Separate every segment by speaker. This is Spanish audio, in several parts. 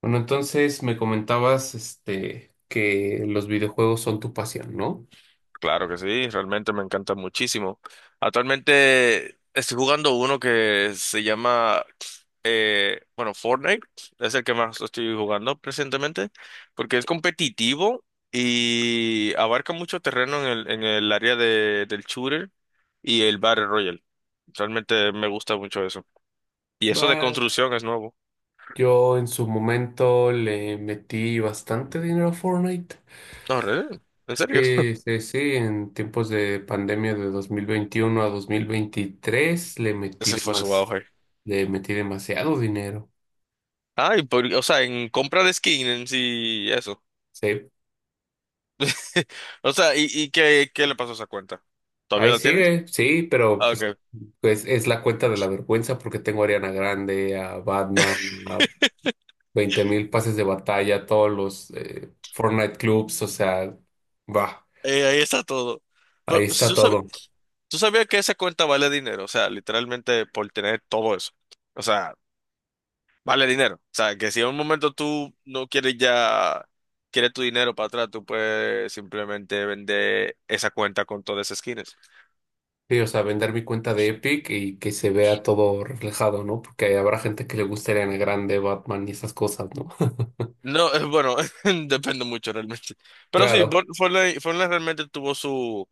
Speaker 1: Bueno, entonces me comentabas este, que los videojuegos son tu pasión, ¿no?
Speaker 2: Claro que sí, realmente me encanta muchísimo. Actualmente estoy jugando uno que se llama, bueno, Fortnite, es el que más estoy jugando presentemente, porque es competitivo y abarca mucho terreno en el área del shooter y el Battle Royale. Realmente me gusta mucho eso. Y eso de
Speaker 1: Bueno,
Speaker 2: construcción es nuevo.
Speaker 1: yo en su momento le metí bastante dinero a Fortnite.
Speaker 2: No, en serio.
Speaker 1: Sí, sí, sí, en tiempos de pandemia de 2021 a 2023 le metí
Speaker 2: Ese fue su auge.
Speaker 1: le metí demasiado dinero.
Speaker 2: Ah, y o sea, en compra de skin en sí, eso.
Speaker 1: Sí,
Speaker 2: O sea, ¿y qué le pasó a esa cuenta? ¿Todavía
Speaker 1: ahí
Speaker 2: la tienes?
Speaker 1: sigue, sí, pero
Speaker 2: Ah,
Speaker 1: pues,
Speaker 2: ok.
Speaker 1: pues es la cuenta de la vergüenza porque tengo a Ariana Grande, a Batman, 20.000 pases de batalla, todos los Fortnite clubs, o sea, va,
Speaker 2: Ahí está todo.
Speaker 1: ahí
Speaker 2: Pero pues,
Speaker 1: está
Speaker 2: tú sabías,
Speaker 1: todo.
Speaker 2: tú sabías que esa cuenta vale dinero, o sea, literalmente por tener todo eso. O sea, vale dinero. O sea, que si en un momento tú no quieres ya, quieres tu dinero para atrás, tú puedes simplemente vender esa cuenta con todas esas skins.
Speaker 1: Sí, o sea, vender mi cuenta de Epic y que se vea todo reflejado, ¿no? Porque habrá gente que le guste Ariana Grande, Batman y esas cosas, ¿no?
Speaker 2: No, bueno, depende mucho realmente. Pero sí,
Speaker 1: Claro,
Speaker 2: Fortnite realmente tuvo su,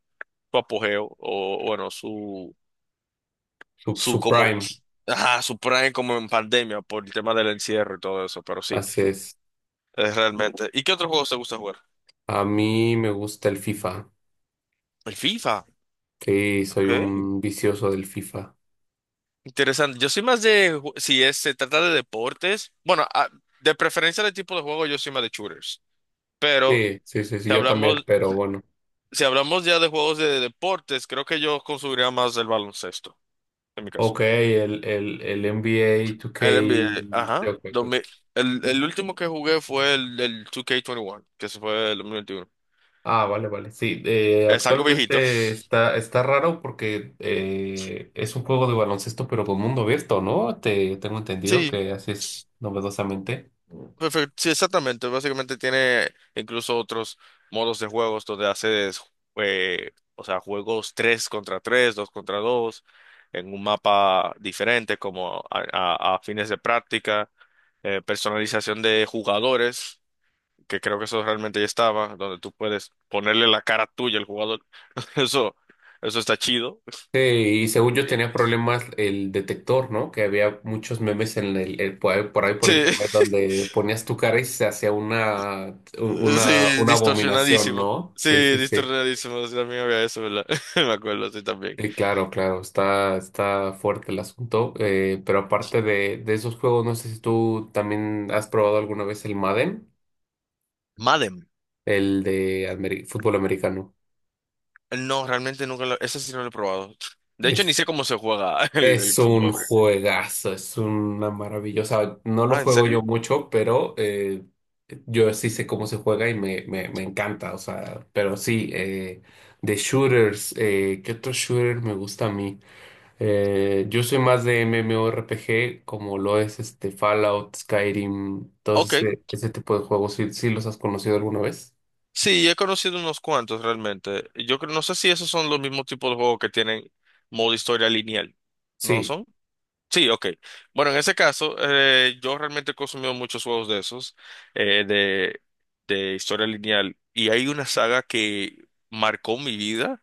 Speaker 2: su apogeo, o bueno, su
Speaker 1: su,
Speaker 2: su
Speaker 1: su
Speaker 2: como
Speaker 1: Prime,
Speaker 2: ajá, su prime como en pandemia por el tema del encierro y todo eso, pero sí,
Speaker 1: así es.
Speaker 2: es realmente. ¿Y qué otros juegos te gusta jugar?
Speaker 1: A mí me gusta el FIFA.
Speaker 2: El FIFA,
Speaker 1: Sí, soy
Speaker 2: ok,
Speaker 1: un vicioso del FIFA.
Speaker 2: interesante. Yo soy más de, si es, se trata de deportes, bueno, de preferencia de tipo de juego, yo soy más de shooters, pero
Speaker 1: Sí, sí, sí, sí,
Speaker 2: si
Speaker 1: yo también,
Speaker 2: hablamos,
Speaker 1: pero bueno.
Speaker 2: si hablamos ya de juegos de deportes, creo que yo consumiría más el baloncesto, en mi caso.
Speaker 1: Ok, el NBA 2K.
Speaker 2: El NBA, ajá,
Speaker 1: Ok, ok,
Speaker 2: 2000,
Speaker 1: ok.
Speaker 2: el último que jugué fue el 2K21, que se fue el 2021.
Speaker 1: Ah, vale, vale. Sí,
Speaker 2: Es algo viejito.
Speaker 1: actualmente está raro porque es un juego de baloncesto, pero con mundo abierto, ¿no? Tengo entendido
Speaker 2: Sí,
Speaker 1: que así es novedosamente.
Speaker 2: perfecto. Sí, exactamente. Básicamente tiene incluso otros modos de juegos donde haces, o sea, juegos 3 contra 3, 2 contra 2, en un mapa diferente, como a fines de práctica, personalización de jugadores, que creo que eso realmente ya estaba, donde tú puedes ponerle la cara tuya al jugador. Eso, eso está chido.
Speaker 1: Sí, y según yo
Speaker 2: Eh,
Speaker 1: tenía problemas el detector, ¿no? Que había muchos memes en por ahí por
Speaker 2: Sí,
Speaker 1: internet donde ponías tu cara y se hacía una, una,
Speaker 2: sí,
Speaker 1: una abominación,
Speaker 2: distorsionadísimo.
Speaker 1: ¿no?
Speaker 2: Sí,
Speaker 1: Sí, sí, sí.
Speaker 2: distorsionadísimo. Sí, también había eso, ¿verdad? Me acuerdo, sí, también.
Speaker 1: Claro, claro, está fuerte el asunto. Pero aparte de esos juegos, no sé si tú también has probado alguna vez el Madden,
Speaker 2: Madden.
Speaker 1: el de fútbol americano.
Speaker 2: No, realmente nunca lo... Ese sí no lo he probado. De hecho, ni sé
Speaker 1: Es,
Speaker 2: cómo se juega el
Speaker 1: es un
Speaker 2: fútbol, bro.
Speaker 1: juegazo, es una maravillosa. No lo
Speaker 2: Ah, ¿en
Speaker 1: juego
Speaker 2: serio?
Speaker 1: yo mucho, pero yo sí sé cómo se juega y me encanta. O sea, pero sí, de shooters, ¿qué otro shooter me gusta a mí? Yo soy más de MMORPG, como lo es este Fallout, Skyrim, todos
Speaker 2: Ok.
Speaker 1: ese tipo de juegos. ¿Sí, sí los has conocido alguna vez?
Speaker 2: Sí, he conocido unos cuantos realmente. No sé si esos son los mismos tipos de juegos que tienen modo historia lineal. ¿No
Speaker 1: Sí.
Speaker 2: son? Sí, ok. Bueno, en ese caso, yo realmente he consumido muchos juegos de esos, eh, de, de historia lineal. Y hay una saga que marcó mi vida,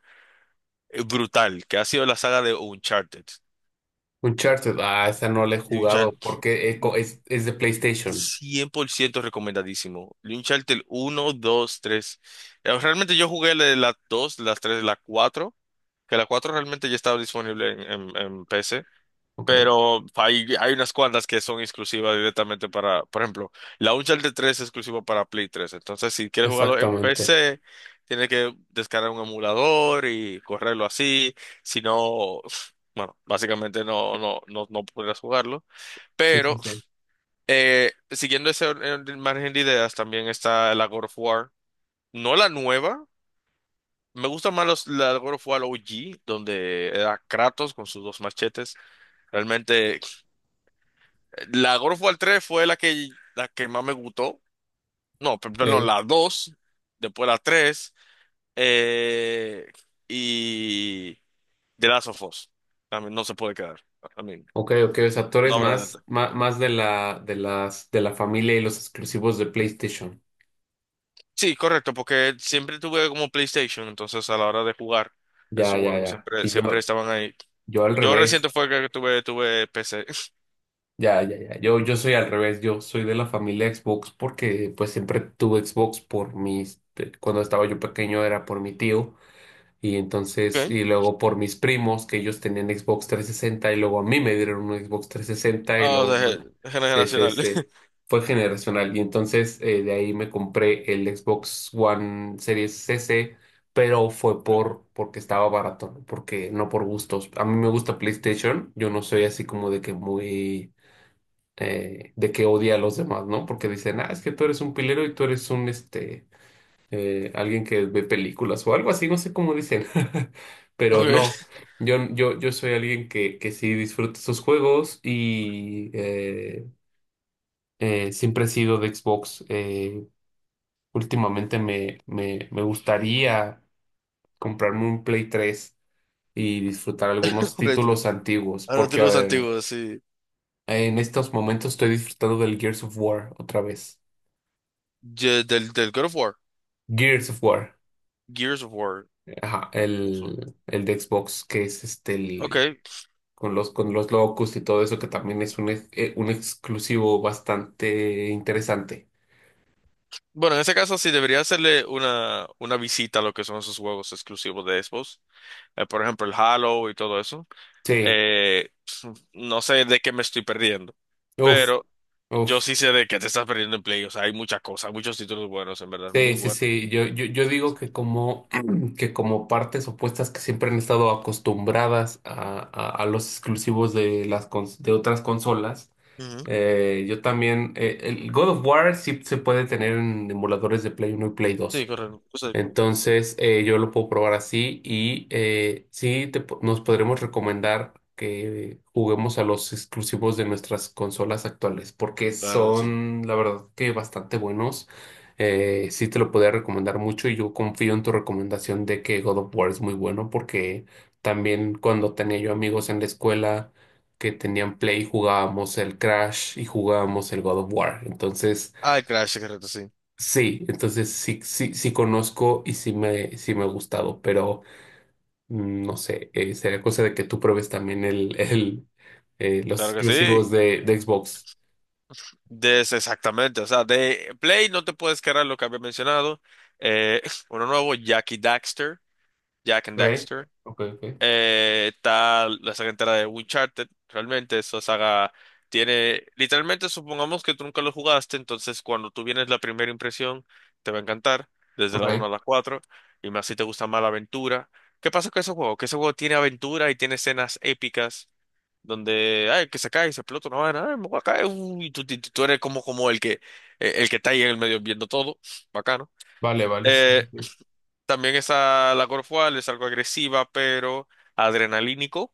Speaker 2: brutal, que ha sido la saga de Uncharted.
Speaker 1: Uncharted. Ah, esa no la he
Speaker 2: De
Speaker 1: jugado
Speaker 2: Uncharted.
Speaker 1: porque es de PlayStation.
Speaker 2: 100% recomendadísimo. Uncharted uno dos tres. Realmente yo jugué la de las 2, las 3, la 4, que la 4 realmente ya estaba disponible en PC,
Speaker 1: Ok,
Speaker 2: pero hay unas cuantas que son exclusivas directamente para, por ejemplo, la Uncharted tres es exclusiva para Play tres, entonces si quieres jugarlo en
Speaker 1: exactamente.
Speaker 2: PC, tienes que descargar un emulador y correrlo así, si no, bueno, básicamente no, no, no, no podrás jugarlo.
Speaker 1: Sí, sí,
Speaker 2: Pero
Speaker 1: sí.
Speaker 2: siguiendo ese margen de ideas, también está la God of War. No la nueva. Me gusta más la God of War OG, donde era Kratos con sus dos machetes. Realmente, la God of War 3 fue la que más me gustó. No, perdón,
Speaker 1: Ok,
Speaker 2: la dos, después la tres, eh, y The Last of Us. También no se puede quedar. I mean,
Speaker 1: ok, ok. O sea, tú
Speaker 2: no
Speaker 1: eres
Speaker 2: habrá de...
Speaker 1: más, más, más de la, de las, de la familia y los exclusivos de PlayStation.
Speaker 2: Sí, correcto, porque siempre tuve como PlayStation, entonces a la hora de jugar
Speaker 1: Ya,
Speaker 2: esos
Speaker 1: ya,
Speaker 2: juegos
Speaker 1: ya.
Speaker 2: siempre,
Speaker 1: Y
Speaker 2: siempre
Speaker 1: yo,
Speaker 2: estaban ahí.
Speaker 1: yo al
Speaker 2: Yo reciente
Speaker 1: revés.
Speaker 2: fue que tuve PC.
Speaker 1: Ya, ya, ya. Yo soy al revés. Yo soy de la familia Xbox porque pues siempre tuve Xbox por mis. Cuando estaba yo pequeño era por mi tío y entonces.
Speaker 2: Okay.
Speaker 1: Y luego por mis primos que ellos tenían Xbox 360 y luego a mí me dieron un Xbox 360 y
Speaker 2: Ah, o
Speaker 1: luego.
Speaker 2: sea,
Speaker 1: Sí, sí,
Speaker 2: generacional.
Speaker 1: sí. Fue generacional y entonces de ahí me compré el Xbox One Series S, pero fue
Speaker 2: ¿No?
Speaker 1: porque estaba barato, porque no por gustos. A mí me gusta PlayStation. Yo no soy así como de que muy de que odia a los demás, ¿no? Porque dicen, ah, es que tú eres un pilero y tú eres un, este, alguien que ve películas o algo así, no sé cómo dicen, pero
Speaker 2: Okay.
Speaker 1: no, yo soy alguien que sí disfruta sus juegos y siempre he sido de Xbox. Últimamente me gustaría comprarme un Play 3 y disfrutar algunos
Speaker 2: Play
Speaker 1: títulos
Speaker 2: 3.
Speaker 1: antiguos,
Speaker 2: Ahora tú los
Speaker 1: porque.
Speaker 2: antiguos, sí.
Speaker 1: En estos momentos estoy disfrutando del Gears of War otra vez.
Speaker 2: Del God of War.
Speaker 1: Gears of War,
Speaker 2: Gears of War.
Speaker 1: ajá,
Speaker 2: Eso.
Speaker 1: el de Xbox, que es este el,
Speaker 2: Okay.
Speaker 1: con los locos y todo eso, que también es un exclusivo bastante interesante.
Speaker 2: Bueno, en ese caso sí debería hacerle una visita a lo que son esos juegos exclusivos de Xbox. Por ejemplo, el Halo y todo eso.
Speaker 1: Sí,
Speaker 2: Eh, no sé de qué me estoy perdiendo,
Speaker 1: uff,
Speaker 2: pero yo
Speaker 1: uff.
Speaker 2: sí sé de qué te estás perdiendo en Play. O sea, hay muchas cosas, muchos títulos buenos, en verdad, muy
Speaker 1: Sí, sí,
Speaker 2: buenos.
Speaker 1: sí. Yo digo que como, que como partes opuestas que siempre han estado acostumbradas a los exclusivos de las de otras consolas.
Speaker 2: Ujú.
Speaker 1: Yo también, el God of War sí se puede tener en emuladores de Play 1 y Play
Speaker 2: Sí,
Speaker 1: Dos.
Speaker 2: correcto. O sea,
Speaker 1: Entonces, yo lo puedo probar así y sí nos podremos recomendar que juguemos a los exclusivos de nuestras consolas actuales, porque
Speaker 2: claro que sí.
Speaker 1: son, la verdad, que bastante buenos. Sí te lo podría recomendar mucho y yo confío en tu recomendación de que God of War es muy bueno, porque también cuando tenía yo amigos en la escuela que tenían Play, jugábamos el Crash y jugábamos el God of War. Entonces.
Speaker 2: Ah, el Crash, correcto, sí.
Speaker 1: Sí, entonces sí, sí, sí conozco y sí sí me ha gustado, pero no sé, sería cosa de que tú pruebes también el, el, los
Speaker 2: Claro que
Speaker 1: exclusivos
Speaker 2: sí.
Speaker 1: de Xbox.
Speaker 2: De ese exactamente. O sea, de Play no te puedes cargar lo que había mencionado. Eh, Uno nuevo, Jackie Daxter, Jack and
Speaker 1: Okay,
Speaker 2: Daxter.
Speaker 1: okay, okay,
Speaker 2: Está la saga entera de Uncharted. Realmente esa saga tiene, literalmente supongamos que tú nunca lo jugaste, entonces cuando tú vienes la primera impresión te va a encantar, desde la
Speaker 1: okay.
Speaker 2: uno a la cuatro, y más si te gusta más la aventura. ¿Qué pasa con ese juego? Que ese juego tiene aventura y tiene escenas épicas donde, ay, que se cae y se explota una vaina, ay, me voy a caer, uy, y tú, tú eres como el que está ahí en el medio viendo todo, bacano.
Speaker 1: Vale, vale, sí, sí,
Speaker 2: Eh,
Speaker 1: sí.
Speaker 2: También esa, la God of War es algo agresiva, pero adrenalínico.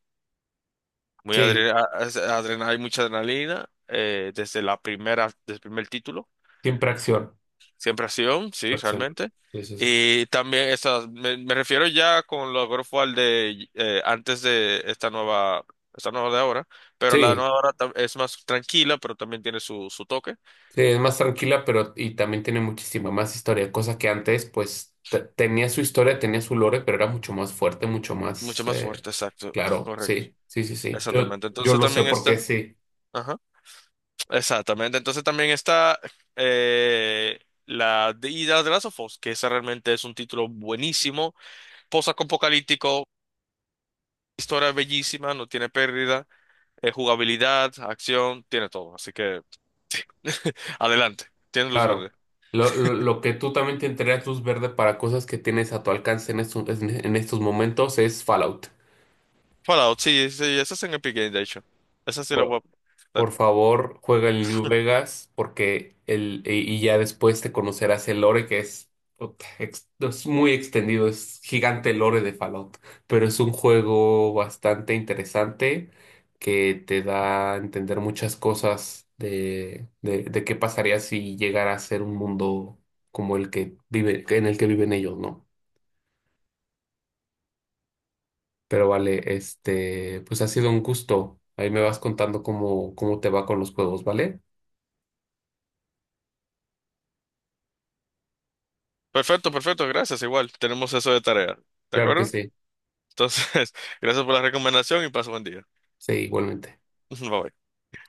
Speaker 2: Muy
Speaker 1: Sí,
Speaker 2: adre- a- adrena- Hay mucha adrenalina desde la primera, desde el primer título.
Speaker 1: siempre acción,
Speaker 2: Siempre acción, sí,
Speaker 1: acción.
Speaker 2: realmente.
Speaker 1: Sí, sí, sí.
Speaker 2: Y también esas, me refiero ya con los God of War de antes de esta nueva de ahora, pero la
Speaker 1: Sí,
Speaker 2: nueva ahora es más tranquila, pero también tiene su toque,
Speaker 1: sí, es más tranquila, pero y también tiene muchísima más historia, cosa que antes, pues, tenía su historia, tenía su lore, pero era mucho más fuerte, mucho más,
Speaker 2: mucho más fuerte, exacto,
Speaker 1: claro,
Speaker 2: correcto.
Speaker 1: sí, sí, sí, sí. Yo,
Speaker 2: Exactamente.
Speaker 1: yo
Speaker 2: Entonces
Speaker 1: lo sé
Speaker 2: también
Speaker 1: porque
Speaker 2: está,
Speaker 1: sí,
Speaker 2: ajá, exactamente. Entonces también está eh, la de, y la de Last of Us, que esa realmente es un título buenísimo post-apocalíptico, historia bellísima, no tiene pérdida, jugabilidad, acción, tiene todo. Así que adelante, tiene luz
Speaker 1: claro.
Speaker 2: verde.
Speaker 1: Lo que tú también te entregas luz verde para cosas que tienes a tu alcance en estos momentos es Fallout.
Speaker 2: Fallout, sí, sí, esa es en Epic Games, de hecho. Esa sí la voy a...
Speaker 1: Por favor, juega el New Vegas porque el, y ya después te conocerás el lore que es, puta, es muy extendido, es gigante el lore de Fallout, pero es un juego bastante interesante que te da a entender muchas cosas de qué pasaría si llegara a ser un mundo como el que vive, en el que viven ellos, ¿no? Pero vale, este, pues ha sido un gusto. Ahí me vas contando cómo te va con los juegos, ¿vale?
Speaker 2: Perfecto, perfecto, gracias, igual. Tenemos eso de tarea, ¿de
Speaker 1: Claro que
Speaker 2: acuerdo?
Speaker 1: sí.
Speaker 2: Entonces, gracias por la recomendación y paso buen día.
Speaker 1: Sí, igualmente.
Speaker 2: Bye bye.